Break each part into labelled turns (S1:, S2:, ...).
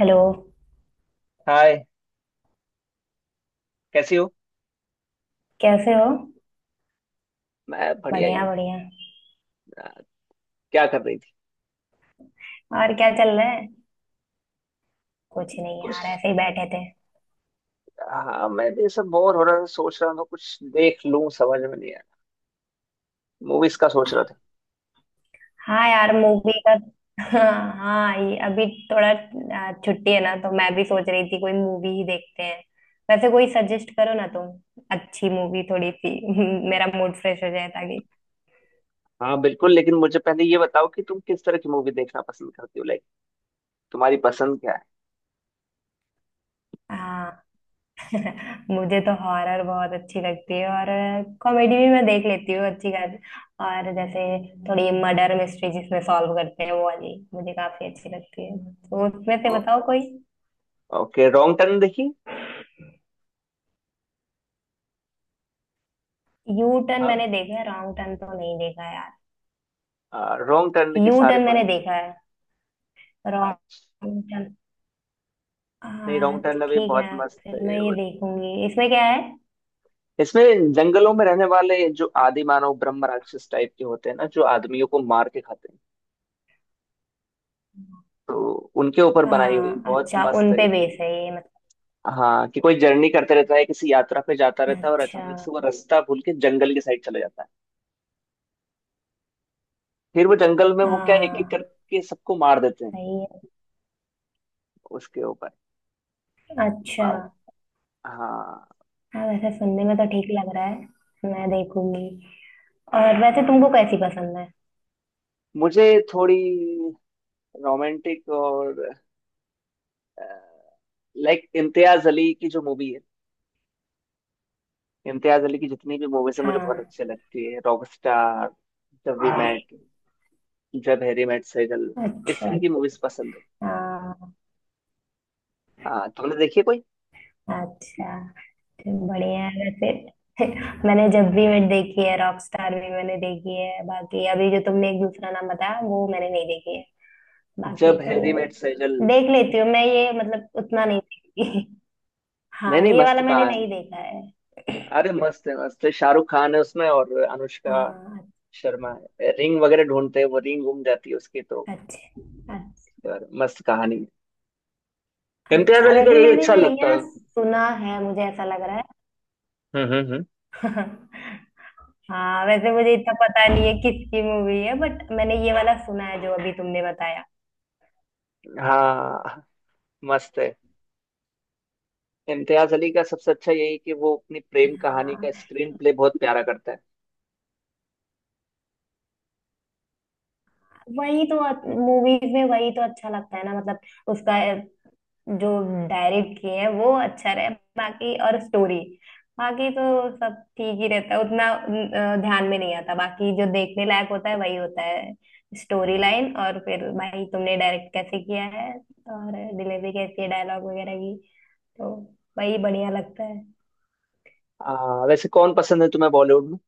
S1: Hello.
S2: Hi. कैसी हो?
S1: कैसे हो।
S2: मैं बढ़िया ही
S1: बढ़िया
S2: हूँ।
S1: बढ़िया।
S2: आ, क्या कर रही थी?
S1: और क्या चल रहा है। कुछ नहीं
S2: कुछ?
S1: यार, ऐसे ही बैठे थे।
S2: हाँ, मैं भी सब बोर हो रहा था, सोच रहा था कुछ देख लूं, समझ में नहीं आया। मूवीज का सोच रहा था।
S1: हाँ यार, मूवी का हाँ हाँ ये अभी थोड़ा छुट्टी है ना, तो मैं भी सोच रही थी कोई मूवी ही देखते हैं। वैसे कोई सजेस्ट करो ना तुम, अच्छी मूवी थोड़ी सी मेरा मूड फ्रेश हो जाए ताकि।
S2: हाँ बिल्कुल, लेकिन मुझे पहले ये बताओ कि तुम किस तरह की मूवी देखना पसंद करती हो? लाइक, तुम्हारी पसंद क्या है?
S1: हाँ, मुझे तो हॉरर बहुत अच्छी लगती है, और कॉमेडी भी मैं देख लेती हूँ अच्छी खासी। और जैसे थोड़ी मर्डर मिस्ट्री, जिसमें सॉल्व करते हैं वो वाली, मुझे काफी अच्छी लगती है। तो उसमें
S2: ओ,
S1: से बताओ
S2: ओ,
S1: कोई।
S2: ओके, रॉन्ग टर्न देखी?
S1: यू टर्न
S2: हाँ,
S1: मैंने देखा है, रॉन्ग टर्न तो नहीं देखा है यार।
S2: रॉन्ग टर्न के
S1: यू
S2: सारे
S1: टर्न
S2: पार्ट
S1: मैंने
S2: देखे।
S1: देखा है,
S2: हाँ।
S1: Wrong turn.
S2: नहीं,
S1: हाँ
S2: रॉन्ग टर्न अभी
S1: ठीक है,
S2: बहुत मस्त
S1: फिर
S2: है।
S1: मैं ये देखूंगी। इसमें क्या है।
S2: इसमें जंगलों में रहने वाले जो आदि मानव ब्रह्म राक्षस टाइप के होते हैं ना, जो आदमियों को मार के खाते हैं, तो उनके ऊपर बनाई हुई
S1: हाँ
S2: बहुत
S1: अच्छा,
S2: मस्त
S1: उन
S2: है
S1: पे
S2: कि
S1: बेस है ये मतलब।
S2: हाँ, कि कोई जर्नी करते रहता है, किसी यात्रा पे जाता रहता है और
S1: अच्छा।
S2: अचानक से वो रास्ता भूल के जंगल की साइड चला जाता है। फिर वो जंगल में वो क्या, एक एक
S1: हाँ
S2: करके सबको मार देते हैं।
S1: सही है।
S2: उसके ऊपर।
S1: अच्छा।
S2: बा- हाँ।
S1: हाँ वैसे सुनने में तो ठीक लग रहा है, मैं देखूंगी। और वैसे
S2: हाँ,
S1: तुमको कैसी पसंद है।
S2: मुझे थोड़ी रोमांटिक, और लाइक इम्तियाज अली की जो मूवी है, इम्तियाज अली की जितनी भी मूवीज है मुझे बहुत
S1: हाँ।
S2: अच्छी लगती है। Rockstar, Jab we met, Jab Harry met Sejal, इस
S1: अच्छा।
S2: तरह की मूवीज पसंद है।
S1: हाँ
S2: हाँ, तुमने देखी है कोई?
S1: अच्छा, तो बढ़िया है वैसे। मैंने जब भी वेट देखी है, रॉकस्टार भी मैंने देखी है, बाकी अभी जो तुमने एक दूसरा नाम बताया वो मैंने नहीं देखी है। बाकी
S2: जब
S1: तो
S2: हैरी मेट सेजल?
S1: देख लेती हूँ मैं ये, मतलब उतना नहीं देखती।
S2: नहीं
S1: हाँ
S2: नहीं,
S1: ये
S2: मस्त
S1: वाला मैंने नहीं
S2: कहानी।
S1: देखा है।
S2: अरे, मस्त है, मस्त है। शाहरुख खान है उसमें और अनुष्का
S1: हाँ।
S2: शर्मा। है रिंग वगैरह ढूंढते हैं, वो रिंग गुम जाती है उसकी, तो
S1: अच्छा अच्छा
S2: यार, मस्त कहानी है। इम्तियाज
S1: अच्छा।
S2: अली का
S1: वैसे
S2: यही
S1: मैंने
S2: अच्छा
S1: ये
S2: लगता
S1: ना
S2: है।
S1: सुना है, मुझे ऐसा लग रहा
S2: हम्म हम्म हम्म।
S1: है। हाँ वैसे मुझे इतना पता नहीं है किसकी मूवी है, बट मैंने ये वाला सुना है जो अभी तुमने बताया।
S2: हाँ, मस्त है। इम्तियाज अली का सबसे अच्छा यही है कि वो अपनी प्रेम कहानी
S1: हाँ
S2: का स्क्रीन प्ले बहुत प्यारा करता है।
S1: वही तो, मूवीज में वही तो अच्छा लगता है ना मतलब, उसका जो डायरेक्ट किए हैं वो अच्छा रहे। बाकी और स्टोरी, बाकी तो सब ठीक ही रहता है, उतना ध्यान में नहीं आता। बाकी जो देखने लायक होता है वही होता है, स्टोरी लाइन, और फिर भाई तुमने डायरेक्ट कैसे किया है, और डिलीवरी कैसी है डायलॉग वगैरह की, तो वही बढ़िया लगता है।
S2: वैसे कौन पसंद है तुम्हें बॉलीवुड में?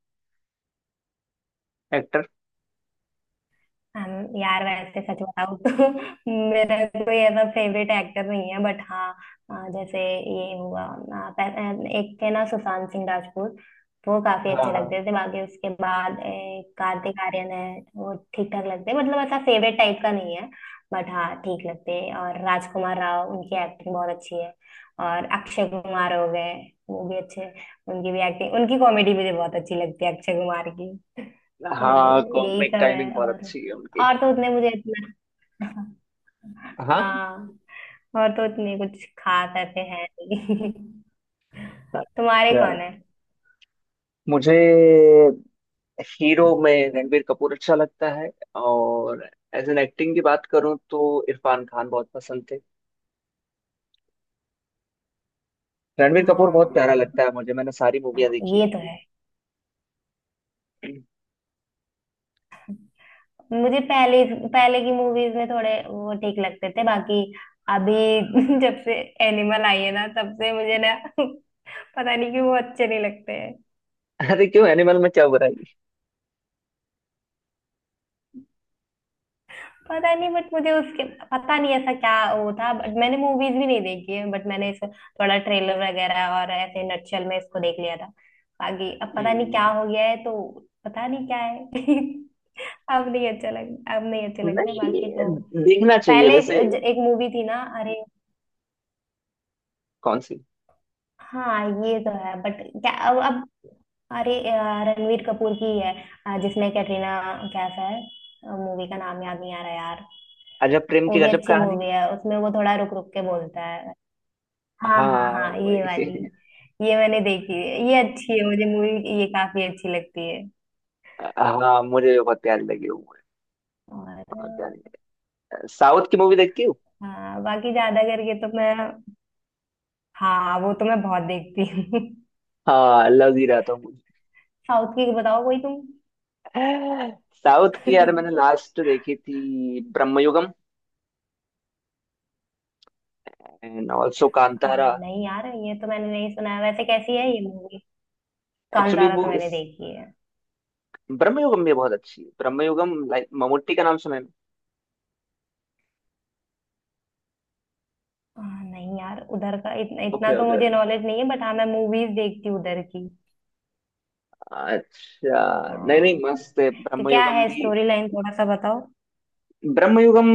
S2: एक्टर?
S1: हम यार, वैसे सच बताऊं तो मेरा कोई ऐसा फेवरेट एक्टर नहीं है, बट हाँ जैसे ये हुआ एक थे ना सुशांत सिंह राजपूत, वो काफी अच्छे
S2: हाँ।
S1: लगते थे। बाकी उसके बाद कार्तिक आर्यन है, वो ठीक ठाक लगते हैं, मतलब ऐसा फेवरेट टाइप का नहीं है, बट हाँ ठीक लगते हैं। और राजकुमार राव, उनकी एक्टिंग बहुत अच्छी है। और अक्षय कुमार हो गए, वो भी अच्छे हैं। उनकी भी एक्टिंग, उनकी कॉमेडी मुझे बहुत अच्छी लगती है, अक्षय कुमार।
S2: हाँ,
S1: तो यही
S2: कॉमिक
S1: सब है
S2: टाइमिंग बहुत
S1: और
S2: अच्छी है उनकी।
S1: और तो उतने मुझे इतना
S2: हाँ।
S1: हाँ, और तो उतने कुछ खास ऐसे हैं नहीं। तुम्हारे
S2: यार,
S1: कौन है।
S2: मुझे हीरो में रणबीर कपूर अच्छा लगता है, और एज एन एक्टिंग की बात करूं तो इरफान खान बहुत पसंद थे। रणबीर कपूर बहुत
S1: हाँ।
S2: प्यारा लगता है मुझे। मैंने सारी मूवियां
S1: हाँ,
S2: देखी है
S1: ये तो
S2: उनकी।
S1: है। मुझे पहले पहले की मूवीज में थोड़े वो ठीक लगते थे, बाकी अभी जब से एनिमल आई है ना, तब से मुझे ना पता नहीं क्यों वो अच्छे नहीं लगते।
S2: अरे क्यों, एनिमल में क्या बुराई?
S1: पता नहीं, बट मुझे उसके, पता नहीं ऐसा क्या वो था। बट मैंने मूवीज भी नहीं देखी है, बट मैंने इस थोड़ा ट्रेलर वगैरह और ऐसे नटशल में इसको देख लिया था, बाकी अब पता नहीं क्या
S2: हम्म।
S1: हो गया है तो। पता नहीं क्या है अब नहीं अच्छा लग, अब नहीं अच्छे लगते, बाकी
S2: नहीं,
S1: तो
S2: देखना चाहिए
S1: पहले
S2: वैसे।
S1: एक मूवी थी ना अरे।
S2: कौन सी?
S1: हाँ ये तो है, बट क्या अब अरे रणवीर कपूर की है, जिसमें कैटरीना कैफ है। मूवी का नाम याद नहीं आ रहा यार।
S2: अजब प्रेम की
S1: वो भी
S2: गजब
S1: अच्छी
S2: कहानी?
S1: मूवी है, उसमें वो थोड़ा रुक रुक के बोलता है। हाँ हाँ
S2: हाँ,
S1: हाँ, ये वाली,
S2: वही।
S1: ये मैंने देखी है। ये अच्छी है मुझे मूवी, ये काफी अच्छी लगती है।
S2: हाँ, मुझे बहुत प्यारी लगी वो movie,
S1: और
S2: बहुत प्यारी। साउथ की मूवी देखती हूँ।
S1: हाँ, बाकी ज्यादा करके तो मैं, हाँ वो तो मैं बहुत देखती हूँ।
S2: हाँ, लव ही रहा था।
S1: साउथ की बताओ कोई तुम।
S2: साउथ की, यार मैंने लास्ट देखी थी ब्रह्मयुगम, एंड ऑल्सो कांतारा।
S1: हाँ, नहीं यार ये तो मैंने नहीं सुना है। वैसे कैसी है ये मूवी।
S2: एक्चुअली
S1: कांतारा तो
S2: वो
S1: मैंने
S2: इस,
S1: देखी है।
S2: ब्रह्मयुगम भी बहुत अच्छी है। ब्रह्मयुगम, लाइक ममूटी का नाम सुना है?
S1: हाँ, नहीं यार उधर का इतना इतना
S2: ओके
S1: तो
S2: ओके।
S1: मुझे नॉलेज नहीं है, बट हाँ मैं मूवीज देखती हूँ उधर की।
S2: अच्छा। नहीं नहीं,
S1: हाँ।
S2: मस्त है
S1: तो क्या
S2: ब्रह्मयुगम
S1: है
S2: भी।
S1: स्टोरी लाइन, थोड़ा सा बताओ।
S2: ब्रह्मयुगम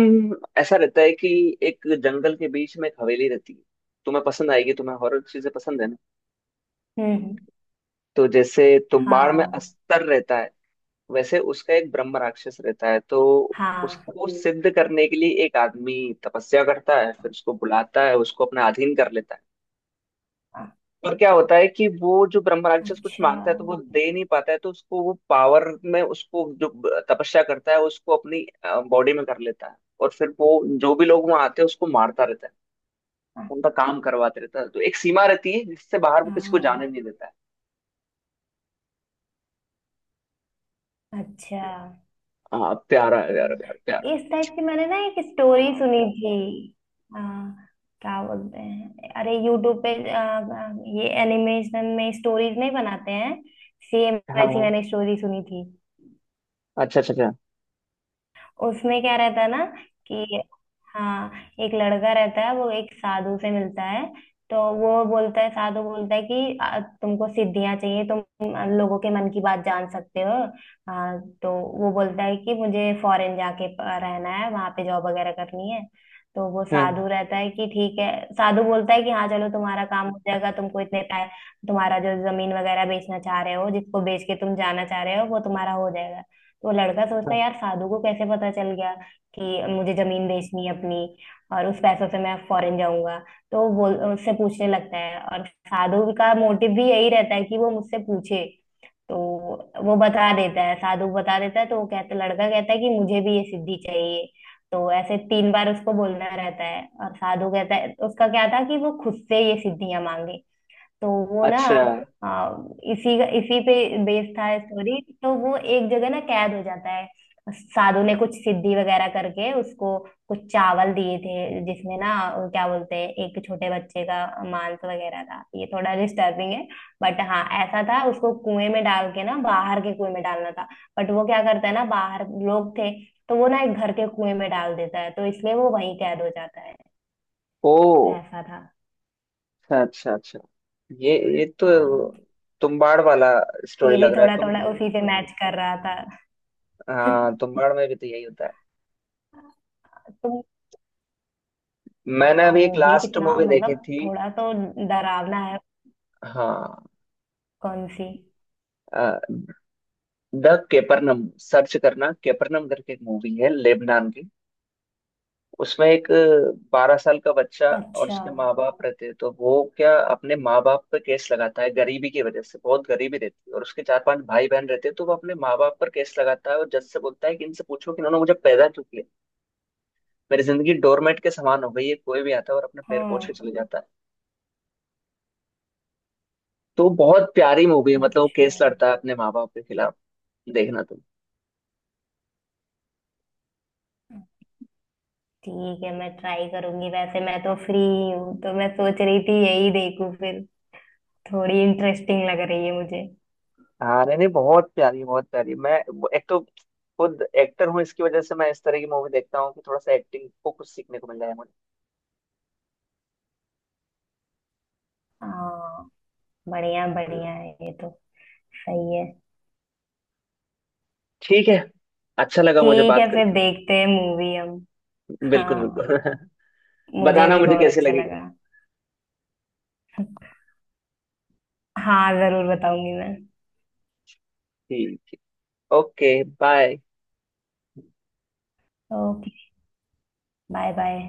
S2: ऐसा रहता है कि एक जंगल के बीच में एक हवेली रहती है। तुम्हें पसंद आएगी, तुम्हें हॉरर चीजें पसंद है ना।
S1: हम्म।
S2: तो जैसे तुम्बाड़ में
S1: हाँ।
S2: अस्तर रहता है, वैसे उसका एक ब्रह्म राक्षस रहता है। तो
S1: हाँ।
S2: उसको सिद्ध करने के लिए एक आदमी तपस्या करता है, फिर उसको बुलाता है, उसको अपना अधीन कर लेता है। पर क्या होता है कि वो जो ब्रह्म राक्षस कुछ
S1: अच्छा।
S2: मांगता है, तो वो दे नहीं पाता है, तो उसको वो पावर में, उसको जो तपस्या करता है उसको, अपनी बॉडी में कर लेता है। और फिर वो जो भी लोग वहां आते हैं उसको मारता रहता है,
S1: अ-
S2: उनका काम करवाते रहता है। तो एक सीमा रहती है, जिससे बाहर वो किसी को जाने
S1: हाँ।
S2: नहीं देता है।
S1: अच्छा।
S2: हाँ, प्यारा है, प्यारा
S1: हाँ,
S2: प्यारा प्यारा
S1: इस टाइप की मैंने ना एक स्टोरी सुनी थी। हाँ, क्या बोलते हैं अरे, यूट्यूब पे ये एनिमेशन में स्टोरीज नहीं बनाते हैं, सेम
S2: है। हाँ
S1: वैसी
S2: हाँ।
S1: मैंने स्टोरी सुनी थी।
S2: अच्छा अच्छा अच्छा।
S1: उसमें क्या रहता है ना कि, हाँ, एक लड़का रहता है, वो एक साधु से मिलता है। तो वो बोलता है, साधु बोलता है कि तुमको सिद्धियां चाहिए, तुम लोगों के मन की बात जान सकते हो।" हाँ, तो वो बोलता है कि मुझे फॉरेन जाके रहना है, वहां पे जॉब वगैरह करनी है। तो वो
S2: हम्म
S1: साधु रहता है कि ठीक है, साधु बोलता है कि हाँ चलो, तुम्हारा काम हो जाएगा, तुमको इतने पै, तुम्हारा जो जमीन वगैरह बेचना चाह रहे हो, जिसको बेच के तुम जाना चाह रहे हो वो तुम्हारा हो जाएगा। तो लड़का सोचता है
S2: हम्म।
S1: यार, साधु को कैसे पता चल गया कि मुझे जमीन बेचनी है अपनी, और उस पैसों से मैं फॉरेन जाऊंगा। तो वो बोल, उससे पूछने लगता है, और साधु का मोटिव भी यही रहता है कि वो मुझसे पूछे। तो वो बता देता है, साधु बता देता है। तो वो कहता, लड़का कहता है कि मुझे भी ये सिद्धि चाहिए। तो ऐसे तीन बार उसको बोलना रहता है, और साधु कहता है, उसका क्या था कि वो खुद से ये सिद्धियां मांगे। तो वो ना
S2: अच्छा।
S1: आ, इसी इसी पे बेस्ड था स्टोरी। तो वो एक जगह ना कैद हो जाता है, साधु ने कुछ सिद्धि वगैरह करके उसको कुछ चावल दिए थे, जिसमें ना क्या बोलते हैं, एक छोटे बच्चे का मांस वगैरह था। ये थोड़ा डिस्टर्बिंग है, बट हाँ ऐसा था। उसको कुएं में डाल के ना, बाहर के कुएं में डालना था, बट वो क्या करता है ना, बाहर लोग थे तो वो ना एक घर के कुएं में डाल देता है, तो इसलिए वो वहीं कैद हो जाता है।
S2: ओ,
S1: तो ऐसा था।
S2: अच्छा अच्छा अच्छा। ये ये तो
S1: हाँ।
S2: तुम्बाड़ वाला स्टोरी
S1: ये भी
S2: लग रहा है
S1: थोड़ा
S2: तुम?
S1: थोड़ा उसी से मैच कर रहा था।
S2: हाँ, तुम्बाड़ में भी तो यही होता है।
S1: तुम,
S2: मैंने
S1: हाँ
S2: अभी एक
S1: वो भी
S2: लास्ट
S1: कितना,
S2: मूवी
S1: मतलब
S2: देखी थी।
S1: थोड़ा तो डरावना है।
S2: हाँ।
S1: कौन सी।
S2: द केपरनम, सर्च करना केपरनम करके, एक मूवी है लेबनान की। उसमें एक 12 साल का बच्चा और
S1: अच्छा।
S2: उसके माँ बाप रहते हैं, तो वो क्या, अपने माँ बाप पर केस लगाता है, गरीबी की वजह से। बहुत गरीबी रहती है और उसके चार पांच भाई बहन रहते हैं, तो वो अपने माँ बाप पर केस लगाता है और जज से बोलता है कि इनसे पूछो कि इन्होंने मुझे पैदा क्यों किया। मेरी जिंदगी डोरमेट के समान हो गई है, कोई भी आता है और अपने पैर पोछ के
S1: हाँ
S2: चले जाता है। तो बहुत प्यारी मूवी है, मतलब वो
S1: अच्छा।
S2: केस लड़ता है अपने माँ बाप के खिलाफ। देखना तुम।
S1: ठीक है, मैं ट्राई करूंगी। वैसे मैं तो फ्री ही हूँ, तो मैं सोच रही थी यही देखूं फिर। थोड़ी इंटरेस्टिंग लग रही है मुझे।
S2: हाँ नहीं नहीं, बहुत प्यारी, बहुत प्यारी। मैं एक तो खुद एक्टर हूँ, इसकी वजह से मैं इस तरह की मूवी देखता हूँ कि थोड़ा सा एक्टिंग को कुछ सीखने को मिल जाए मुझे।
S1: हाँ बढ़िया बढ़िया है ये तो, सही है।
S2: ठीक है, अच्छा लगा मुझे
S1: ठीक
S2: बात
S1: है फिर,
S2: करके।
S1: देखते हैं मूवी हम।
S2: बिल्कुल
S1: हाँ,
S2: बिल्कुल।
S1: मुझे
S2: बताना
S1: भी
S2: मुझे
S1: बहुत
S2: कैसे
S1: अच्छा
S2: लगेगी।
S1: लगा। हाँ जरूर बताऊंगी मैं।
S2: ठीक ठीक। Okay bye.
S1: Okay, bye bye.